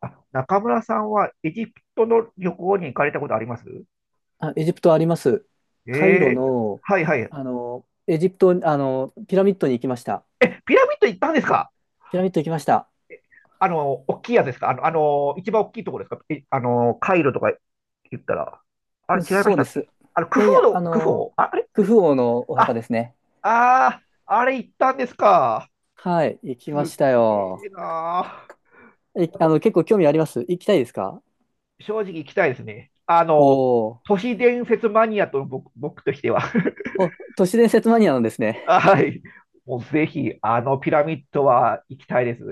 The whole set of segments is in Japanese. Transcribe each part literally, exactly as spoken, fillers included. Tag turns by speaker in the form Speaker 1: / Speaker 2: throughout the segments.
Speaker 1: あ、中村さんはエジプトの旅行に行かれたことあります？
Speaker 2: あ、エジプトあります。
Speaker 1: え
Speaker 2: カイロ
Speaker 1: え、
Speaker 2: の、
Speaker 1: はいはい。
Speaker 2: あの、エジプト、あの、ピラミッドに行きました。
Speaker 1: え、ピラミッド行ったんですか？
Speaker 2: ピラミッド行きました。
Speaker 1: あの、大きいやつですか？あの、あの、一番大きいところですか？え、あの、カイロとか言ったら。あれ違いま
Speaker 2: そ
Speaker 1: し
Speaker 2: う
Speaker 1: た
Speaker 2: で
Speaker 1: っ
Speaker 2: す。い
Speaker 1: け？あの、ク
Speaker 2: や
Speaker 1: フ
Speaker 2: い
Speaker 1: 王
Speaker 2: や、
Speaker 1: の、
Speaker 2: あ
Speaker 1: クフ
Speaker 2: の、
Speaker 1: 王、あ、あれあ
Speaker 2: ク
Speaker 1: れ。
Speaker 2: フ王のお墓
Speaker 1: あ、
Speaker 2: ですね。
Speaker 1: あー、あれ行ったんですか。
Speaker 2: はい、行き
Speaker 1: す
Speaker 2: ま
Speaker 1: っ
Speaker 2: した
Speaker 1: げえ
Speaker 2: よ。
Speaker 1: な
Speaker 2: い、
Speaker 1: ー。やっ
Speaker 2: あ
Speaker 1: ぱ
Speaker 2: の、結構興味あります行きたいですか？
Speaker 1: 正直行きたいですね。あ
Speaker 2: お
Speaker 1: の、
Speaker 2: ー
Speaker 1: 都市伝説マニアと僕、僕としては。
Speaker 2: お、都市伝説マニアなんですね。
Speaker 1: はい。もうぜひ、あのピラミッドは行きたいです。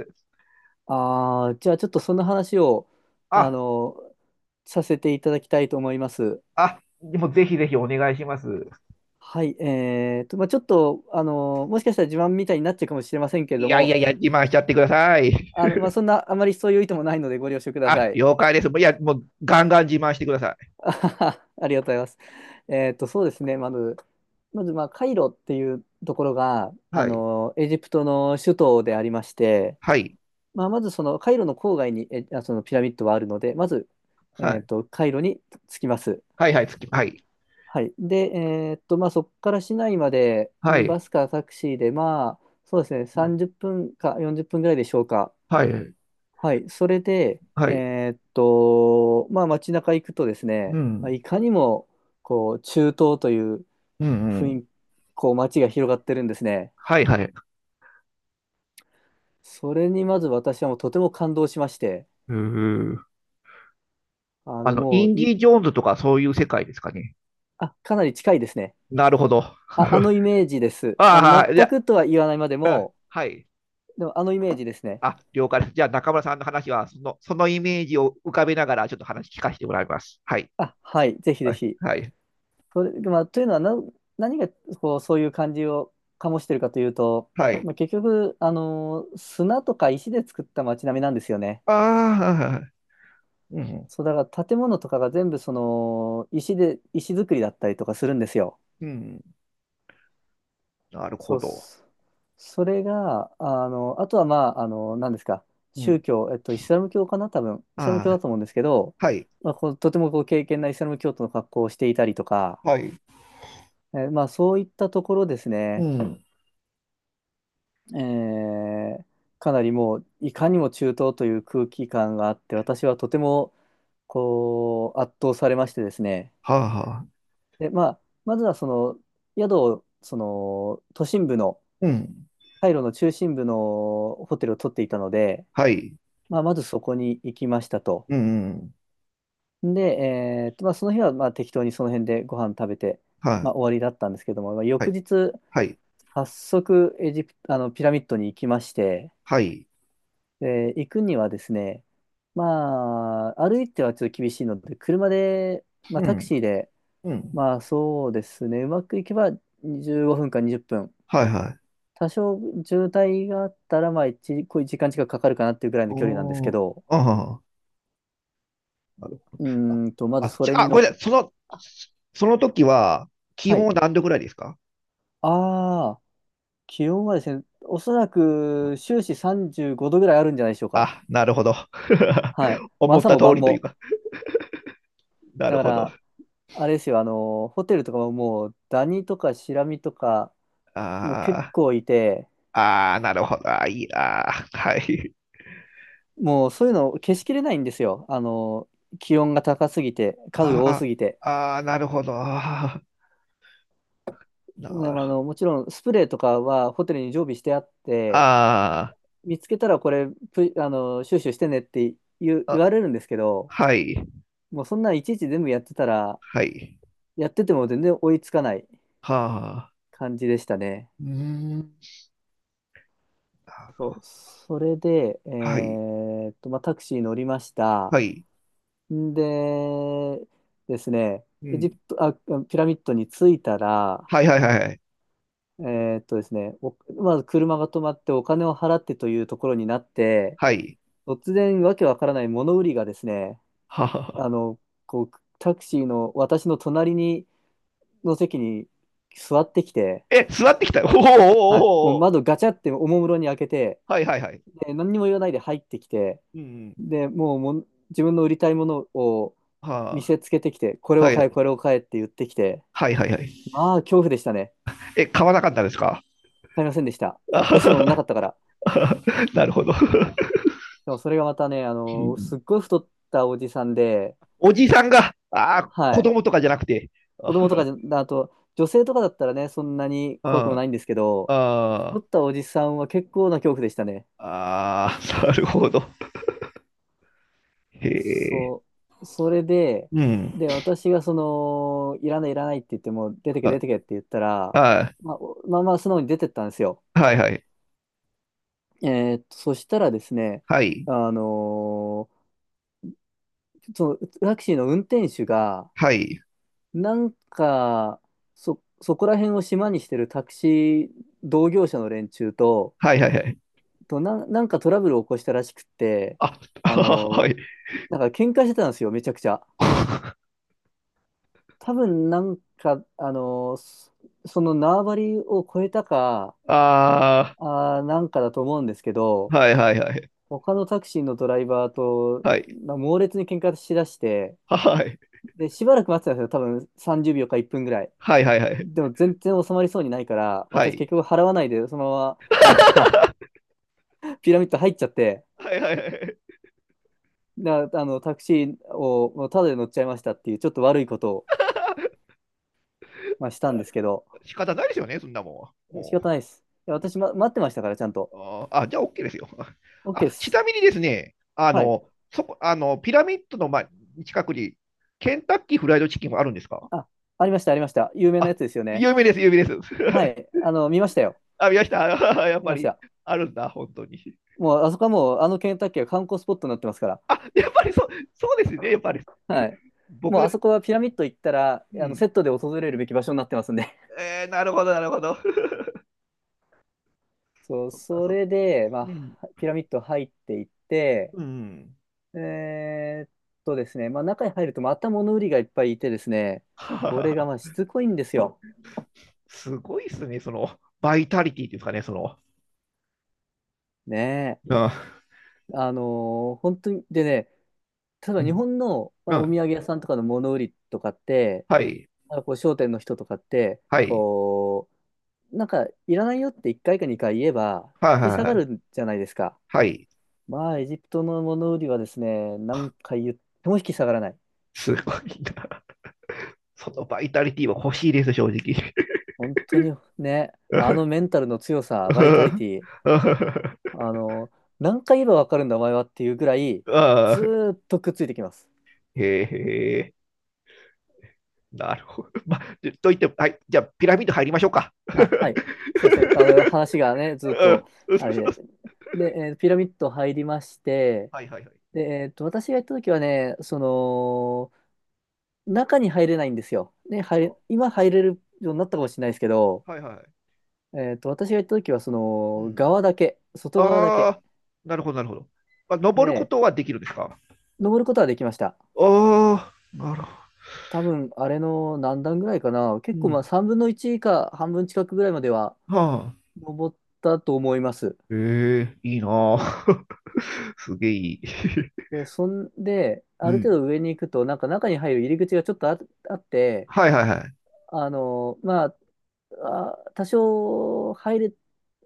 Speaker 2: ああ、じゃあちょっとその話を、あ
Speaker 1: あ、
Speaker 2: の、させていただきたいと思います。
Speaker 1: あ、でもぜひぜひお願いします。
Speaker 2: はい、えーと、まあ、ちょっと、あの、もしかしたら自慢みたいになっちゃうかもしれませんけれ
Speaker 1: い
Speaker 2: ど
Speaker 1: やいや
Speaker 2: も、
Speaker 1: いや、自慢しちゃってください。
Speaker 2: あの、まあ、そんな、あまりそういう意図もないのでご了承くだ
Speaker 1: あ、
Speaker 2: さい。
Speaker 1: 了解です。もういや、もうガンガン自慢してください。
Speaker 2: あははありがとうございます。えっと、そうですね、まず、まず、まあ、カイロっていうところが、あ
Speaker 1: はい。
Speaker 2: の、エジプトの首都でありまして、
Speaker 1: はい。
Speaker 2: まあ、まずそのカイロの郊外に、え、あそのピラミッドはあるので、まず、
Speaker 1: は
Speaker 2: えっ
Speaker 1: い。
Speaker 2: と、カイロに着きます。
Speaker 1: はいはい、つき、はい。
Speaker 2: はい。で、えっと、まあ、そこから市内まで、う
Speaker 1: は
Speaker 2: ん
Speaker 1: い。
Speaker 2: バスかタクシーで、まあ、そうですね、
Speaker 1: うん
Speaker 2: さんじゅっぷんかよんじゅっぷんぐらいでしょうか。
Speaker 1: はい。
Speaker 2: はい、それで、
Speaker 1: はい。
Speaker 2: えーっと、まあ、街中行くとです
Speaker 1: う
Speaker 2: ね、まあ
Speaker 1: ん。
Speaker 2: いかにもこう中東という
Speaker 1: うんう
Speaker 2: 雰囲
Speaker 1: ん。
Speaker 2: 気、こう街が広がってるんですね。
Speaker 1: はいはいはいつき
Speaker 2: それにまず私はもうとても感動しまし
Speaker 1: はいはいはいはいうんうんうんはい
Speaker 2: て、
Speaker 1: はいうー
Speaker 2: あ
Speaker 1: あ
Speaker 2: の
Speaker 1: の、イ
Speaker 2: も
Speaker 1: ン
Speaker 2: うい、
Speaker 1: ディ・ジョーンズとかそういう世界ですかね。
Speaker 2: あ、かなり近いですね。
Speaker 1: なるほど。
Speaker 2: あ、あのイメージです。あ
Speaker 1: あ
Speaker 2: の
Speaker 1: あ、い
Speaker 2: 全
Speaker 1: や、
Speaker 2: くとは言わないまで
Speaker 1: うん
Speaker 2: も、
Speaker 1: はい。
Speaker 2: でもあのイメージですね。
Speaker 1: あ、了解です。じゃあ、中村さんの話は、その、そのイメージを浮かべながら、ちょっと話聞かせてもらいます。はい。
Speaker 2: あ、はい、ぜひぜ
Speaker 1: はい。
Speaker 2: ひ。
Speaker 1: はい。
Speaker 2: それ、まあ、というのはな、何がこうそういう感じを醸してるかというと、
Speaker 1: はい。
Speaker 2: まあ、結局、あのー砂とか石で作った街並みなんですよね。
Speaker 1: ああ、はいうん。
Speaker 2: そう、だから建物とかが全部その石で、石造りだったりとかするんですよ。
Speaker 1: うん。なるほ
Speaker 2: そうっ
Speaker 1: ど。
Speaker 2: す、そそれが、あの、あとはまあ、あの、何ですか、
Speaker 1: う
Speaker 2: 宗
Speaker 1: ん。
Speaker 2: 教、えっと、イスラム教かな、多分、イスラム教
Speaker 1: あ
Speaker 2: だと思うんですけど、
Speaker 1: あ、はい。
Speaker 2: まあ、こうとてもこう敬虔なイスラム教徒の格好をしていたりとか、
Speaker 1: はい。
Speaker 2: えーまあ、そういったところです
Speaker 1: う
Speaker 2: ね。
Speaker 1: ん。
Speaker 2: えーかなりもういかにも中東という空気感があって、私はとてもこう圧倒されましてですね。
Speaker 1: はあ、はあ。
Speaker 2: で、まあ、まずはその宿をその都心部の、
Speaker 1: うん。
Speaker 2: カイロの中心部のホテルを取っていたので、
Speaker 1: はい。
Speaker 2: まあ、まずそこに行きましたと。
Speaker 1: うん。うん
Speaker 2: で、えーっとまあ、その日はまあ適当にその辺でご飯食べて、
Speaker 1: は
Speaker 2: ま
Speaker 1: い。
Speaker 2: あ、終わりだったんですけども、まあ、
Speaker 1: は
Speaker 2: 翌
Speaker 1: い。
Speaker 2: 日
Speaker 1: はい。
Speaker 2: 早速エジプあのピラミッドに行きまして。
Speaker 1: はい。
Speaker 2: で、行くにはですね、まあ、歩いてはちょっと厳しいので、車で、まあ、
Speaker 1: う
Speaker 2: タク
Speaker 1: ん。
Speaker 2: シーで、
Speaker 1: うん。
Speaker 2: まあ、そうですね、うまくいけばじゅうごふんかにじゅっぷん。
Speaker 1: はい。はい。
Speaker 2: 多少渋滞があったら、まあ、いち、こう時間近くかかるかなっていうぐらいの距離なんですけ
Speaker 1: おー。
Speaker 2: ど、
Speaker 1: ああ、なるほど。
Speaker 2: う
Speaker 1: あ、
Speaker 2: ーんと、まず
Speaker 1: あ、
Speaker 2: そ
Speaker 1: ち
Speaker 2: れ
Speaker 1: あ、
Speaker 2: に
Speaker 1: ご
Speaker 2: 乗
Speaker 1: めん
Speaker 2: っ、
Speaker 1: なさい。その、
Speaker 2: あ
Speaker 1: その時は、気
Speaker 2: は
Speaker 1: 温
Speaker 2: い。
Speaker 1: は何度ぐらいですか？
Speaker 2: ああ、気温はですね、おそらく終始さんじゅうごどぐらいあるんじゃないでしょうか。
Speaker 1: あ、なるほど。
Speaker 2: はい。もう
Speaker 1: 思っ
Speaker 2: 朝
Speaker 1: た
Speaker 2: も
Speaker 1: 通
Speaker 2: 晩
Speaker 1: りという
Speaker 2: も。
Speaker 1: か、な
Speaker 2: だ
Speaker 1: る
Speaker 2: か
Speaker 1: ほど。
Speaker 2: ら、あれですよ、あの、ホテルとかももう、ダニとかシラミとか、もう結
Speaker 1: あー
Speaker 2: 構いて、
Speaker 1: あー、なるほど。あーいいな。あーはい。
Speaker 2: もうそういうの消しきれないんですよ。あの、気温が高すぎて、数が多
Speaker 1: あ
Speaker 2: す
Speaker 1: ー
Speaker 2: ぎて。
Speaker 1: あー、なるほど。あーな
Speaker 2: で
Speaker 1: る
Speaker 2: もあ
Speaker 1: ほど。
Speaker 2: の、もちろんスプレーとかはホテルに常備してあって、
Speaker 1: あ
Speaker 2: 見つけたらこれ、プあの、収集してねって言う、
Speaker 1: ー
Speaker 2: 言
Speaker 1: あ、
Speaker 2: われるんですけど、
Speaker 1: はい。
Speaker 2: もうそんなんいちいち全部やってたら、
Speaker 1: はい。
Speaker 2: やってても全然追いつかない
Speaker 1: はあ。
Speaker 2: 感じでしたね。
Speaker 1: うーん。なる
Speaker 2: そ
Speaker 1: ほど。
Speaker 2: う、それで、え
Speaker 1: はい。
Speaker 2: ーっと、まあ、タクシー乗りました。
Speaker 1: はい。
Speaker 2: で、ですね、
Speaker 1: う
Speaker 2: エジプ
Speaker 1: ん。
Speaker 2: ト、あ、ピラミッドに着いたら、
Speaker 1: はいはいはいはい。
Speaker 2: えーっとですね、おまず車が止まってお金を払ってというところになって、
Speaker 1: はい。
Speaker 2: 突然わけわからない物売りがですね、
Speaker 1: はあ。
Speaker 2: あの、こう、タクシーの私の隣に、の席に座ってきて、
Speaker 1: え、座ってきた。おーおーおー
Speaker 2: はい、もう
Speaker 1: おー。
Speaker 2: 窓ガチャっておもむろに開けて、
Speaker 1: はいはいはい。
Speaker 2: で、何にも言わないで入ってきて、
Speaker 1: うん。
Speaker 2: で、もうもん自分の売りたいものを見
Speaker 1: は
Speaker 2: せつけてきて、これ
Speaker 1: あ。
Speaker 2: を
Speaker 1: は
Speaker 2: 買え、
Speaker 1: い。
Speaker 2: これを買えって言ってきて、
Speaker 1: はいはいはい。
Speaker 2: ああ、恐怖でしたね。
Speaker 1: え、買わなかったですか？
Speaker 2: 買いませんでした。
Speaker 1: あ
Speaker 2: 欲しいものな
Speaker 1: は
Speaker 2: かったから。
Speaker 1: は なるほど。
Speaker 2: でもそれがまたね、あのすっごい 太ったおじさんで、
Speaker 1: おじさんが、あ、
Speaker 2: は
Speaker 1: 子
Speaker 2: い。
Speaker 1: 供とかじゃなくて、
Speaker 2: 子供とか
Speaker 1: あ
Speaker 2: じゃ、あと、女性とかだったらね、そんなに怖くもな
Speaker 1: あ、
Speaker 2: いんですけど、太っ
Speaker 1: あ
Speaker 2: たおじさんは結構な恐怖でしたね。
Speaker 1: あ、ああなるほど。へえ、
Speaker 2: そう。それで、
Speaker 1: うん。
Speaker 2: で、私がその、いらないいらないって言っても、出てけ
Speaker 1: あ、
Speaker 2: 出てけって言ったら、
Speaker 1: あ
Speaker 2: まあ、おまあまあ素直に出てったんですよ。えーっと、そしたらですね、あのーそのタクシーの運転手が、なんか、そ、そこら辺を島にしてるタクシー同業者の連中と、
Speaker 1: はいはいはい。
Speaker 2: となん、なんかトラブルを起こしたらしくって、
Speaker 1: あ、あ
Speaker 2: あ
Speaker 1: は
Speaker 2: の、
Speaker 1: い。
Speaker 2: なんか喧嘩してたんですよ、めちゃくちゃ。多分なんか、あの、そその縄張りを超えたか、
Speaker 1: あ
Speaker 2: あー、なんかだと思うんですけど、
Speaker 1: あ、はいはいはい、
Speaker 2: 他のタクシーのドライバー と
Speaker 1: はい
Speaker 2: な猛烈に喧嘩しだして、
Speaker 1: あはい、
Speaker 2: で、しばらく待ってたんですよ、多分さんじゅうびょうかいっぷんぐらい。
Speaker 1: はいはいはい、
Speaker 2: でも全然収まりそうにないか ら、
Speaker 1: は
Speaker 2: 私
Speaker 1: い、
Speaker 2: 結局払わないで、そのまま、あの、ピラミッド入っちゃって、
Speaker 1: はいはいはいはいはいはいはい
Speaker 2: な、あの、タクシーをタダで乗っちゃいましたっていう、ちょっと悪いことを、まあ、したんですけど、
Speaker 1: 仕方ないですよね、そんなもん。
Speaker 2: 仕
Speaker 1: も
Speaker 2: 方ないです。いや、
Speaker 1: う。
Speaker 2: 私、ま、待ってましたから、ちゃんと。
Speaker 1: あー、あじゃあ オーケー ですよ。
Speaker 2: OK で
Speaker 1: あ、ちな
Speaker 2: す。
Speaker 1: みにですね、あ
Speaker 2: はい。
Speaker 1: の、そこ、あの、ピラミッドの、ま、近くに、ケンタッキーフライドチキンはあるんですか？
Speaker 2: あ、ありました、ありました。有名な
Speaker 1: あ、
Speaker 2: やつですよね。
Speaker 1: 有名です、有名です。
Speaker 2: はい。あの、見ましたよ。
Speaker 1: あ、見ました。やっ
Speaker 2: 見
Speaker 1: ぱ
Speaker 2: まし
Speaker 1: り、
Speaker 2: た。
Speaker 1: あるんだ、本当に。
Speaker 2: もう、あそこはもう、あのケンタッキーは観光スポットになってますから。
Speaker 1: あ、やっぱりそう、そうですね、やっぱり。
Speaker 2: はい。
Speaker 1: 僕、
Speaker 2: もう、あそこはピラミッド行ったら、
Speaker 1: う
Speaker 2: あの、
Speaker 1: ん。
Speaker 2: セットで訪れるべき場所になってますんで。
Speaker 1: えー、なるほど、なるほど。
Speaker 2: そう、
Speaker 1: そっか、
Speaker 2: そ
Speaker 1: そっか。
Speaker 2: れで、
Speaker 1: う
Speaker 2: ま
Speaker 1: ん。
Speaker 2: あ、ピラミッド入っていって、
Speaker 1: うん。
Speaker 2: えーっとですね、まあ、中に入るとまた物売りがいっぱいいてですね、
Speaker 1: はは
Speaker 2: これが
Speaker 1: は
Speaker 2: まあしつこいんですよ。
Speaker 1: すごいですね、その、バイタリティっていうんですかね、その。
Speaker 2: ねえ。
Speaker 1: うん。
Speaker 2: あのー本当に、でね、例えば
Speaker 1: う
Speaker 2: 日
Speaker 1: ん。
Speaker 2: 本の、ま
Speaker 1: う
Speaker 2: あ、お土
Speaker 1: ん
Speaker 2: 産屋さんとかの物売りとかって、あのこう商店の人とかって、
Speaker 1: はい。
Speaker 2: こう、なんか、いらないよっていっかいかにかい言えば、
Speaker 1: はい。は
Speaker 2: 引き
Speaker 1: い。
Speaker 2: 下
Speaker 1: は
Speaker 2: が
Speaker 1: い。
Speaker 2: るじゃないですか。
Speaker 1: はい。
Speaker 2: まあ、エジプトの物売りはですね、何回言っても引き下がらない。
Speaker 1: すごいな。そのバイタリティは欲しいです、正直。
Speaker 2: 本当にね、あのメンタルの強さ、バイタリテ ィ、あの、何回言えばわかるんだお前はっていうぐらい、
Speaker 1: あ
Speaker 2: ず
Speaker 1: あ、
Speaker 2: ーっとくっついてきます。
Speaker 1: へえ、なるほど。まあ、といっても、はい、じゃあ、ピラミッド入りましょうか。
Speaker 2: あ、はい。すいません。あの、話がね、ずっ
Speaker 1: うん
Speaker 2: と、あれで。で、えーピラミッド入りまして、
Speaker 1: はいはいはい。
Speaker 2: で、えーと、私が行った時はね、その、中に入れないんですよ。ね、入
Speaker 1: あ
Speaker 2: れ、今入れるようになったかもしれないですけど、
Speaker 1: はいはい。
Speaker 2: えーと、私が行った時は、そ
Speaker 1: う
Speaker 2: の、
Speaker 1: ん。
Speaker 2: 側だけ、外側だ
Speaker 1: あ
Speaker 2: け
Speaker 1: あ、なるほど、なるほど。まあ、登るこ
Speaker 2: で、
Speaker 1: とはできるんですか？
Speaker 2: 登ることはできました。
Speaker 1: ああ、なるほ
Speaker 2: 多分、あれの何段ぐらいかな。
Speaker 1: ど。う
Speaker 2: 結構まあ
Speaker 1: ん。
Speaker 2: さんぶんのいち、下半分近くぐらいまでは
Speaker 1: はあ。
Speaker 2: 登ったと思います。
Speaker 1: ええいいなあ。すげえいい。
Speaker 2: で、そんで、
Speaker 1: う
Speaker 2: ある程
Speaker 1: ん。
Speaker 2: 度上に行くと、なんか中に入る入り口がちょっとあ、あって、
Speaker 1: はいはいはい。
Speaker 2: あの、まあ、あ、多少入れ、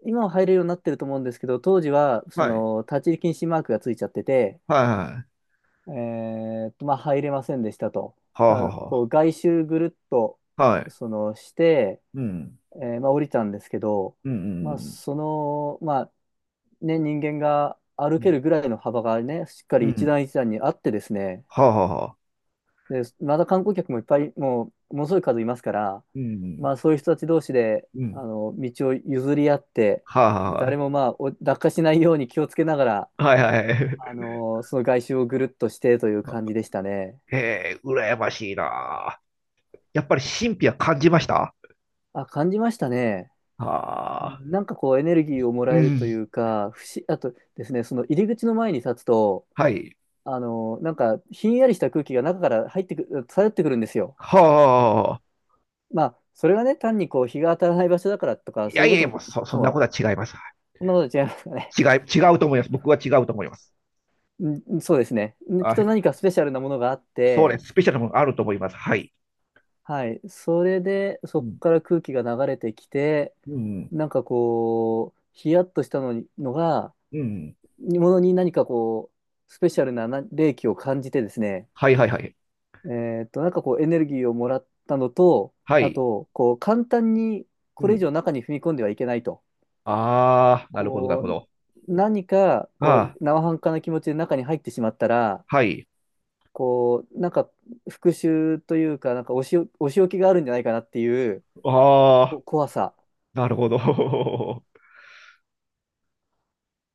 Speaker 2: 今は入れるようになってると思うんですけど、当時はそ
Speaker 1: はい。
Speaker 2: の立ち入り禁止マークがついちゃってて、
Speaker 1: はいはい。
Speaker 2: えーっと、まあ入れませんでしたと。
Speaker 1: は
Speaker 2: だ
Speaker 1: あ
Speaker 2: か
Speaker 1: は
Speaker 2: ら
Speaker 1: あ
Speaker 2: こ
Speaker 1: は
Speaker 2: う外周ぐるっと
Speaker 1: あ。はい。
Speaker 2: そのして、
Speaker 1: うん。
Speaker 2: えーまあ、降りたんですけど、
Speaker 1: うん
Speaker 2: ま
Speaker 1: う
Speaker 2: あ、
Speaker 1: ん
Speaker 2: その、まあ、ね、人間が歩
Speaker 1: う
Speaker 2: け
Speaker 1: ん。
Speaker 2: るぐらいの幅がね、しっか
Speaker 1: う
Speaker 2: り
Speaker 1: ん。う
Speaker 2: 一
Speaker 1: ん
Speaker 2: 段一段にあってですね、
Speaker 1: はあはあはあ。
Speaker 2: で、また観光客もいっぱい、もう、ものすごい数いますから、
Speaker 1: う
Speaker 2: まあ、
Speaker 1: ん。
Speaker 2: そういう人たち同士で、
Speaker 1: う
Speaker 2: あ
Speaker 1: ん。
Speaker 2: の、道を譲り合って、
Speaker 1: はあはあ
Speaker 2: 誰
Speaker 1: は
Speaker 2: もまあ、お落下しないように気をつけながら、
Speaker 1: あ。はいは
Speaker 2: あ
Speaker 1: い。
Speaker 2: の、その外周をぐるっとしてという感じ でしたね。
Speaker 1: ええ、羨ましいな。やっぱり神秘は感じました？
Speaker 2: あ、感じましたね。
Speaker 1: はあ。
Speaker 2: なんかこう、エネルギーをもら
Speaker 1: う
Speaker 2: えると
Speaker 1: ん。
Speaker 2: いうか、不思あとですね、その入り口の前に立つと、
Speaker 1: はい。
Speaker 2: あの、なんか、ひんやりした空気が中から入ってくる、漂ってくるんですよ。
Speaker 1: はあ。
Speaker 2: まあ、それがね、単にこう、日が当たらない場所だからとか、
Speaker 1: い
Speaker 2: そ
Speaker 1: や
Speaker 2: ういう
Speaker 1: い
Speaker 2: こ
Speaker 1: やい
Speaker 2: と
Speaker 1: や、
Speaker 2: も、
Speaker 1: もうそ、そ
Speaker 2: か
Speaker 1: んなこと
Speaker 2: も、
Speaker 1: は違います。
Speaker 2: そんなこと違いますかね。
Speaker 1: 違い、違うと思います。僕は違うと思います。
Speaker 2: うん、そうですね。きっ
Speaker 1: は
Speaker 2: と
Speaker 1: い。
Speaker 2: 何かスペシャルなものがあっ
Speaker 1: そうで
Speaker 2: て、
Speaker 1: す。スペシャルなものがあると思います。はい。
Speaker 2: はい。それで、
Speaker 1: う
Speaker 2: そこ
Speaker 1: ん。
Speaker 2: から空気が流れてきて、
Speaker 1: うん。
Speaker 2: なんかこう、ヒヤッとしたのに、のが、
Speaker 1: うん。
Speaker 2: ものに何かこう、スペシャルなな冷気を感じてですね、
Speaker 1: はいはいはい。
Speaker 2: えーっと、なんかこうエネルギーをもらったのと、
Speaker 1: は
Speaker 2: あ
Speaker 1: い。
Speaker 2: と、こう簡単に、
Speaker 1: う
Speaker 2: これ以
Speaker 1: ん。
Speaker 2: 上中に踏み込んではいけないと。
Speaker 1: ああ、なるほど、なる
Speaker 2: こ
Speaker 1: ほ
Speaker 2: う、
Speaker 1: ど。
Speaker 2: 何かこ
Speaker 1: ああ、
Speaker 2: う生半可な気持ちで中に入ってしまったら、
Speaker 1: はい。
Speaker 2: こう、なんか復讐というか、なんかお仕、お仕置きがあるんじゃないかなっていう
Speaker 1: ああ、
Speaker 2: こ怖さ。
Speaker 1: なるほど。